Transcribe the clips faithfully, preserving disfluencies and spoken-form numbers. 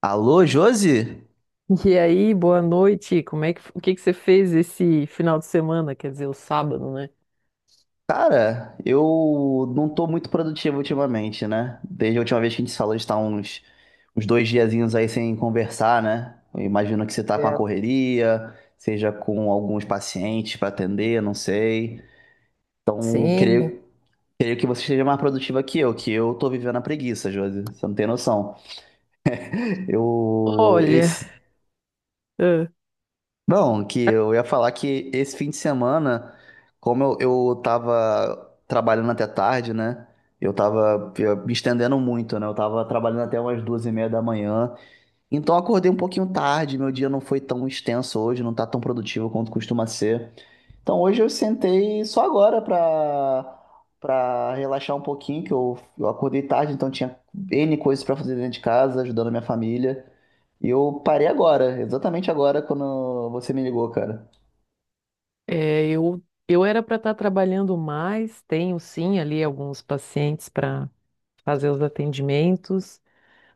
Alô, Josi? E aí, boa noite. Como é que, o que que você fez esse final de semana? Quer dizer, o sábado, né? Cara, eu não tô muito produtivo ultimamente, né? Desde a última vez que a gente se falou, a gente tá uns, uns dois diazinhos aí sem conversar, né? Eu imagino que você tá com a É. correria, seja com alguns pacientes pra atender, não sei. Eu Sim. Creio, creio que você esteja mais produtiva que eu, que eu tô vivendo a preguiça, Josi. Você não tem noção. Eu, Olha. esse, ah, Não, Que eu ia falar que esse fim de semana, como eu, eu tava trabalhando até tarde, né? Eu tava eh, me estendendo muito, né? Eu tava trabalhando até umas duas e meia da manhã. Então eu acordei um pouquinho tarde, meu dia não foi tão extenso hoje, não tá tão produtivo quanto costuma ser. Então hoje eu sentei só agora para para relaxar um pouquinho, que eu, eu acordei tarde, então tinha N coisas para fazer dentro de casa, ajudando a minha família. E eu parei agora, exatamente agora quando você me ligou, cara. é, eu eu era para estar trabalhando mais. Tenho sim ali alguns pacientes para fazer os atendimentos,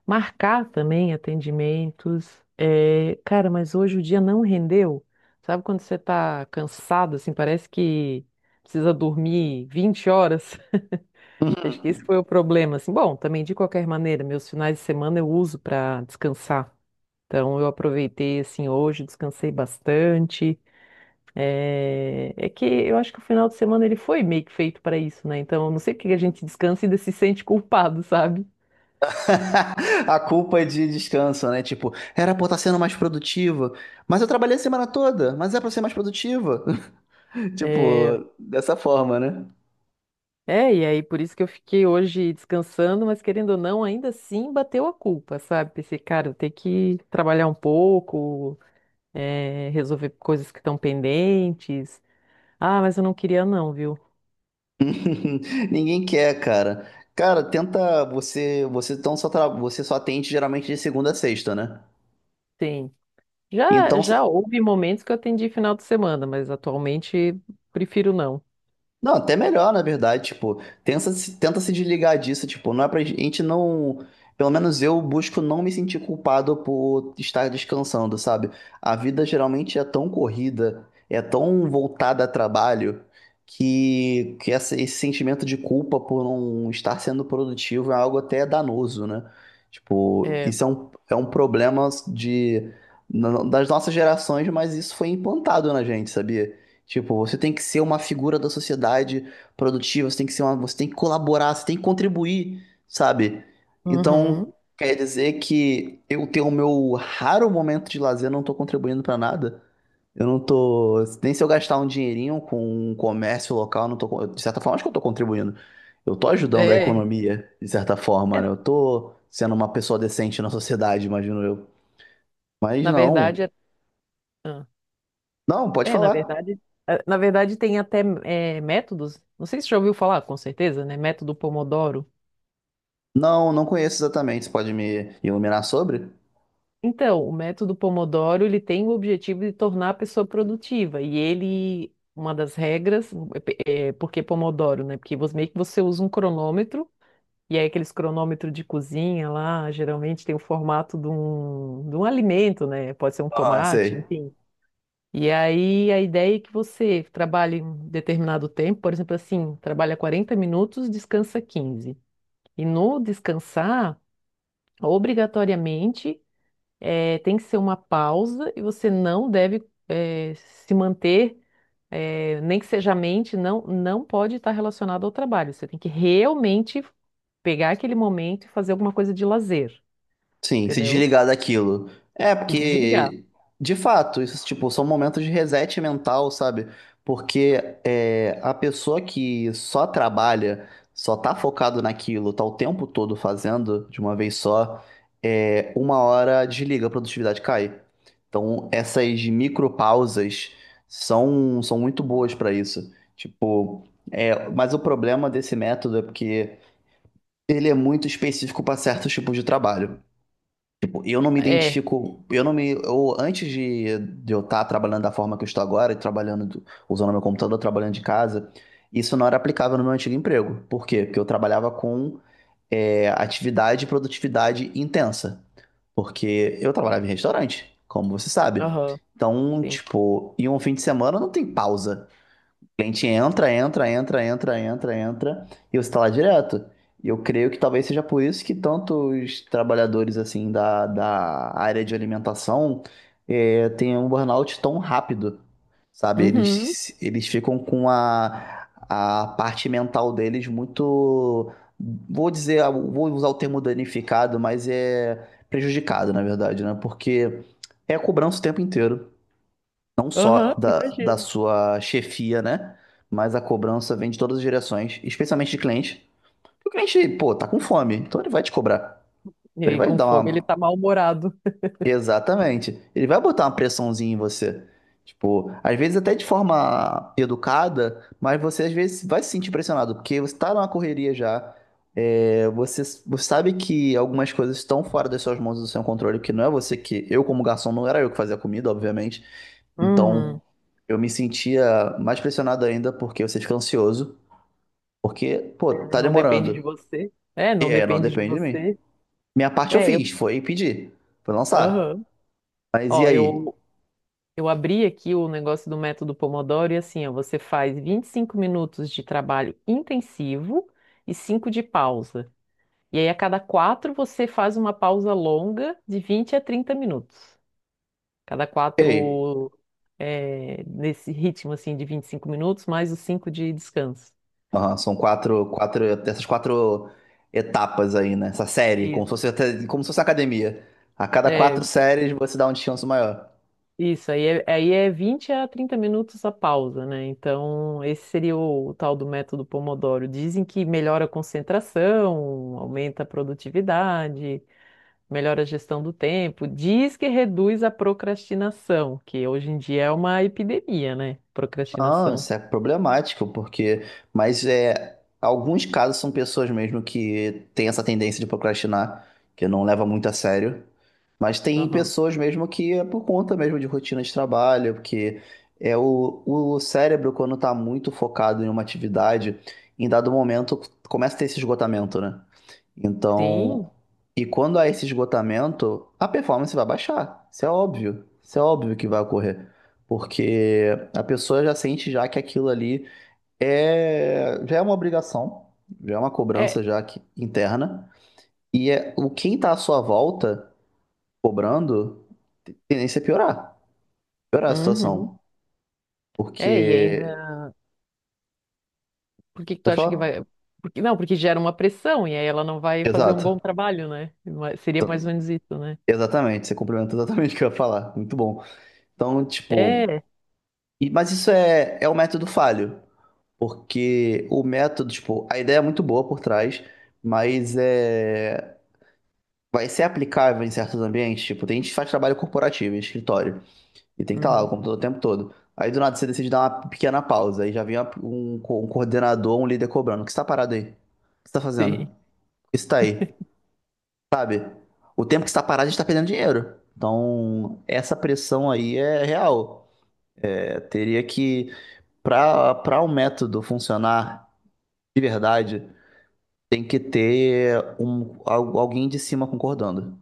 marcar também atendimentos. É, cara, mas hoje o dia não rendeu. Sabe quando você tá cansado, assim, parece que precisa dormir vinte horas? Acho que esse foi o problema, assim. Bom, também de qualquer maneira, meus finais de semana eu uso para descansar. Então eu aproveitei assim hoje, descansei bastante. É... é que eu acho que o final de semana ele foi meio que feito para isso, né? Então eu não sei porque a gente descansa e ainda se sente culpado, sabe? A culpa é de descanso, né? Tipo, era pra eu estar sendo mais produtiva, mas eu trabalhei a semana toda, mas é pra eu ser mais produtiva. É... Tipo, dessa forma, né? é, e aí por isso que eu fiquei hoje descansando, mas querendo ou não, ainda assim bateu a culpa, sabe? Pensei, cara, eu tenho que trabalhar um pouco, é, resolver coisas que estão pendentes. Ah, mas eu não queria não, viu? Ninguém quer, cara. Cara, tenta você, você então só tra- você só atende geralmente de segunda a sexta, né? Sim. Já, Então já houve momentos que eu atendi final de semana, mas atualmente prefiro não. não, até melhor, na verdade, tipo, tenta se, tenta se desligar disso, tipo, não é pra gente não, pelo menos eu busco não me sentir culpado por estar descansando, sabe? A vida geralmente é tão corrida, é tão voltada a trabalho, que, que essa- esse sentimento de culpa por não estar sendo produtivo é algo até danoso, né? Tipo, É. isso é um, é um problema de, na- das nossas gerações, mas isso foi implantado na gente, sabia? Tipo, você tem que ser uma figura da sociedade produtiva, você tem que ser uma, você tem que colaborar, você tem que contribuir, sabe? Então, Uhum. quer dizer que eu tenho o meu raro momento de lazer, eu não tô contribuindo pra nada. Eu não tô, nem se eu gastar um dinheirinho com um comércio local, eu não tô, con- de certa forma, acho que eu tô contribuindo. Eu tô ajudando a É. economia, de certa forma, né? Eu tô sendo uma pessoa decente na sociedade, imagino eu. Mas Na verdade, não. é, ah, Não, pode é, na falar. verdade, é, na verdade tem até é, métodos. Não sei se você já ouviu falar, com certeza, né? Método Pomodoro. Não, não conheço exatamente. Você pode me iluminar sobre? Então, o método Pomodoro, ele tem o objetivo de tornar a pessoa produtiva e ele uma das regras, é, é, porque Pomodoro, né? Porque você, meio que você usa um cronômetro. E aí aqueles cronômetros de cozinha lá, geralmente tem o formato de um, de um alimento, né? Pode ser um Ah, tomate, sei. enfim. E aí a ideia é que você trabalhe um determinado tempo, por exemplo, assim, trabalha quarenta minutos, descansa quinze. E no descansar, obrigatoriamente, eh, tem que ser uma pausa e você não deve, eh, se manter é, nem que seja a mente, não, não pode estar relacionado ao trabalho. Você tem que realmente pegar aquele momento e fazer alguma coisa de lazer, Sim, se entendeu? desligar daquilo. É, Se desligar. porque, de fato, isso, tipo, são momentos de reset mental, sabe? Porque é, a pessoa que só trabalha, só tá focado naquilo, tá o tempo todo fazendo de uma vez só, é, uma hora desliga, a produtividade cai. Então, essas micropausas são, são muito boas pra isso. Tipo, é, mas o problema desse método é porque ele é muito específico para certos tipos de trabalho. Eu não me É, identifico, eu não me, eu, antes de, de eu estar trabalhando da forma que eu estou agora, e trabalhando, do- usando meu computador, trabalhando de casa, isso não era aplicável no meu antigo emprego. Por quê? Porque eu trabalhava com é, atividade e produtividade intensa, porque eu trabalhava em restaurante, como você sabe. aham, Então, sim. tipo, em um fim de semana não tem pausa cliente entra, entra, entra, entra, entra, entra, e você está lá direto. E eu creio que talvez seja por isso que tantos trabalhadores assim da, da área de alimentação eh, têm um burnout tão rápido, sabe? Uhum, Eles, eles ficam com a, a parte mental deles muito, vou dizer, vou usar o termo danificado, mas é prejudicado, na verdade, né? Porque é cobrança o tempo inteiro não só aham, da, da imagino. sua chefia, né? Mas a cobrança vem de todas as direções, especialmente de cliente. O cliente, pô, tá com fome, então ele vai te cobrar. E Ele aí, vai com dar fome, ele tá uma. mal-humorado. Exatamente. Ele vai botar uma pressãozinha em você. Tipo, às vezes até de forma educada, mas você às vezes vai se sentir pressionado, porque você tá numa correria já. É, você, você sabe que algumas coisas estão fora das suas mãos e do seu controle, que não é você que. Eu, como garçom, não era eu que fazia a comida, obviamente. Então, Uhum. eu me sentia mais pressionado ainda porque você fica ansioso, porque, pô, É, tá não depende de demorando. você. É, E não aí, não depende de depende de mim. você. Minha parte eu É, eu. fiz, foi pedir, foi lançar. Aham. Mas e Ó, aí? eu, eu abri aqui o negócio do método Pomodoro e assim, ó, você faz vinte e cinco minutos de trabalho intensivo e cinco de pausa. E aí, a cada quatro, você faz uma pausa longa de vinte a trinta minutos. Cada E aí? quatro, é, nesse ritmo assim de vinte e cinco minutos, mais os cinco de descanso. Aham, são quatro, quatro, essas quatro etapas aí, né? Essa série, como se Isso. fosse, até- como se fosse academia. A cada É, quatro séries você dá um descanso maior. isso, aí é, aí é vinte a trinta minutos a pausa, né? Então, esse seria o, tal do método Pomodoro. Dizem que melhora a concentração, aumenta a produtividade, melhora a gestão do tempo, diz que reduz a procrastinação, que hoje em dia é uma epidemia, né? Não, Procrastinação. isso é problemático, porque. Mas é, alguns casos são pessoas mesmo que têm essa tendência de procrastinar, que não leva muito a sério. Mas tem Aham. pessoas mesmo que é por conta mesmo de rotina de trabalho, porque é o, o cérebro, quando está muito focado em uma atividade, em dado momento começa a ter esse esgotamento, né? Então, Sim, e quando há esse esgotamento, a performance vai baixar. Isso é óbvio. Isso é óbvio que vai ocorrer. Porque a pessoa já sente já que aquilo ali é já é uma obrigação, já é uma é. cobrança já que- interna. E é o quem está à sua volta cobrando, tendência é piorar, piorar a Uhum. situação. É, e ainda. Porque Por que que tu pode acha que falar? vai. Porque, não, porque gera uma pressão, e aí ela não vai fazer um bom Exato. trabalho, né? Ma- seria mais ou menos isso, né? Exatamente, você complementa exatamente o que eu ia falar. Muito bom. Então, tipo, É. e- mas isso é, é o método falho. Porque o método, tipo, a ideia é muito boa por trás, mas é. Vai ser aplicável em certos ambientes. Tipo, tem gente que faz trabalho corporativo, em escritório, e tem que estar lá o Uhum. computador o tempo todo. Aí do nada você decide dar uma pequena pausa, aí já vem uma- um, co- um coordenador, um líder cobrando. O que você tá parado aí? O que você tá fazendo? Sim. O que você tá aí? Sabe? O tempo que você tá parado, a gente tá perdendo dinheiro. Então, essa pressão aí é real. É, teria que, para para um método funcionar de verdade, tem que ter um, al- alguém de cima concordando.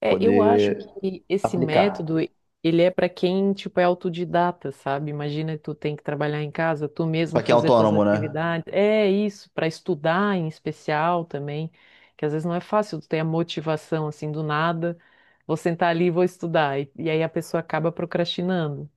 É, eu acho Poder que esse aplicar. método, ele é para quem, tipo, é autodidata, sabe? Imagina tu tem que trabalhar em casa, tu Pra mesmo quem é fazer tuas autônomo, né? atividades. É isso, para estudar em especial também, que às vezes não é fácil tu ter a motivação assim do nada, vou sentar ali e vou estudar. E, e aí a pessoa acaba procrastinando.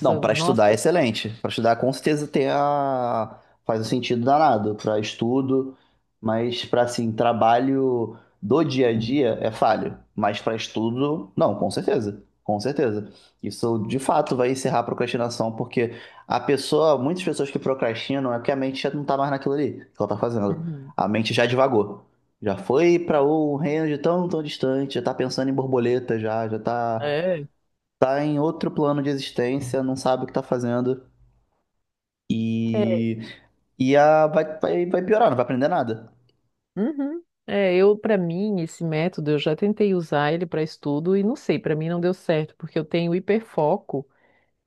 Não, para estudar é nossa. excelente. Para estudar, com certeza tem a... faz um sentido danado para estudo, mas para assim, trabalho do dia a dia é falho. Mas para estudo, não, com certeza. Com certeza. Isso de fato vai encerrar a procrastinação, porque a pessoa, muitas pessoas que procrastinam é que a mente já não tá mais naquilo ali que ela tá fazendo. Uhum. A mente já divagou. Já foi para um reino de tão, tão distante, já tá pensando em borboleta já, já tá É. tá em outro plano de existência, não sabe o que tá fazendo. É. E. E a, vai, vai, vai piorar, não vai aprender nada. Uhum. É, eu para mim esse método eu já tentei usar ele para estudo e não sei, para mim não deu certo, porque eu tenho hiperfoco.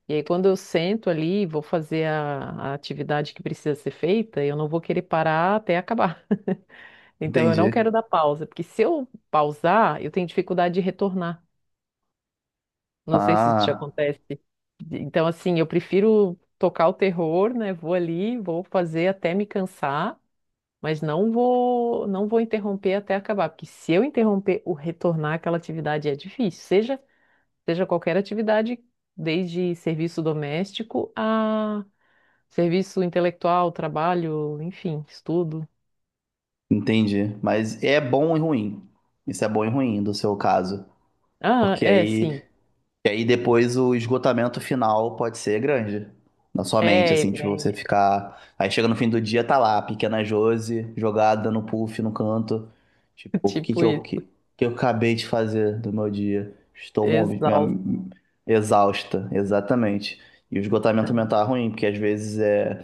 E aí, quando eu sento ali, e vou fazer a, a atividade que precisa ser feita, eu não vou querer parar até acabar. Então, eu não Entendi. quero dar pausa, porque se eu pausar, eu tenho dificuldade de retornar. Não sei se isso te Ah, acontece. Então, assim, eu prefiro tocar o terror, né? Vou ali, vou fazer até me cansar, mas não vou, não vou interromper até acabar, porque se eu interromper o retornar àquela atividade é difícil, seja, seja qualquer atividade, desde serviço doméstico a serviço intelectual, trabalho, enfim, estudo. entendi. Mas é bom e ruim. Isso é bom e ruim do seu caso. Ah, Porque é, aí sim. e aí depois o esgotamento final pode ser grande na sua mente, É, assim, tipo, você é ficar. Aí chega no fim do dia, tá lá, a pequena Josi, jogada no puff, no canto. Tipo, o que tipo que eu, que, isso. que eu acabei de fazer do meu dia? Estou movi- minha- Exausto. exausta, exatamente. E o esgotamento mental é ruim, porque às vezes é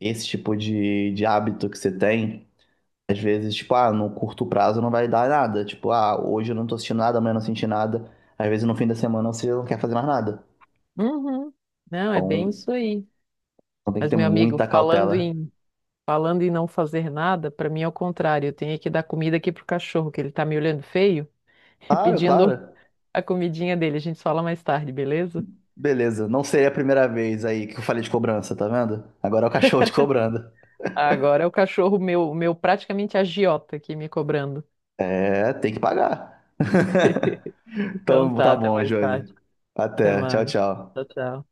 esse tipo de, de hábito que você tem às vezes, tipo, ah, no curto prazo não vai dar nada. Tipo, ah, hoje eu não tô sentindo nada, amanhã eu não assisti nada. Às vezes no fim da semana você não quer fazer mais nada. Uhum. Não, é bem Então, isso aí. então tem que Mas, ter meu amigo, muita falando cautela. em falando em não fazer nada, para mim é o contrário. Eu tenho que dar comida aqui pro cachorro, que ele tá me olhando feio, Claro, pedindo claro. a comidinha dele. A gente fala mais tarde, beleza? Beleza, não seria a primeira vez aí que eu falei de cobrança, tá vendo? Agora é o cachorro te cobrando. Agora é o cachorro meu, meu praticamente agiota aqui me cobrando. É, tem que pagar. Então Então tá, tá até bom, mais Josi. tarde. Até Até. Tchau, mais. Tchau, tchau. tchau.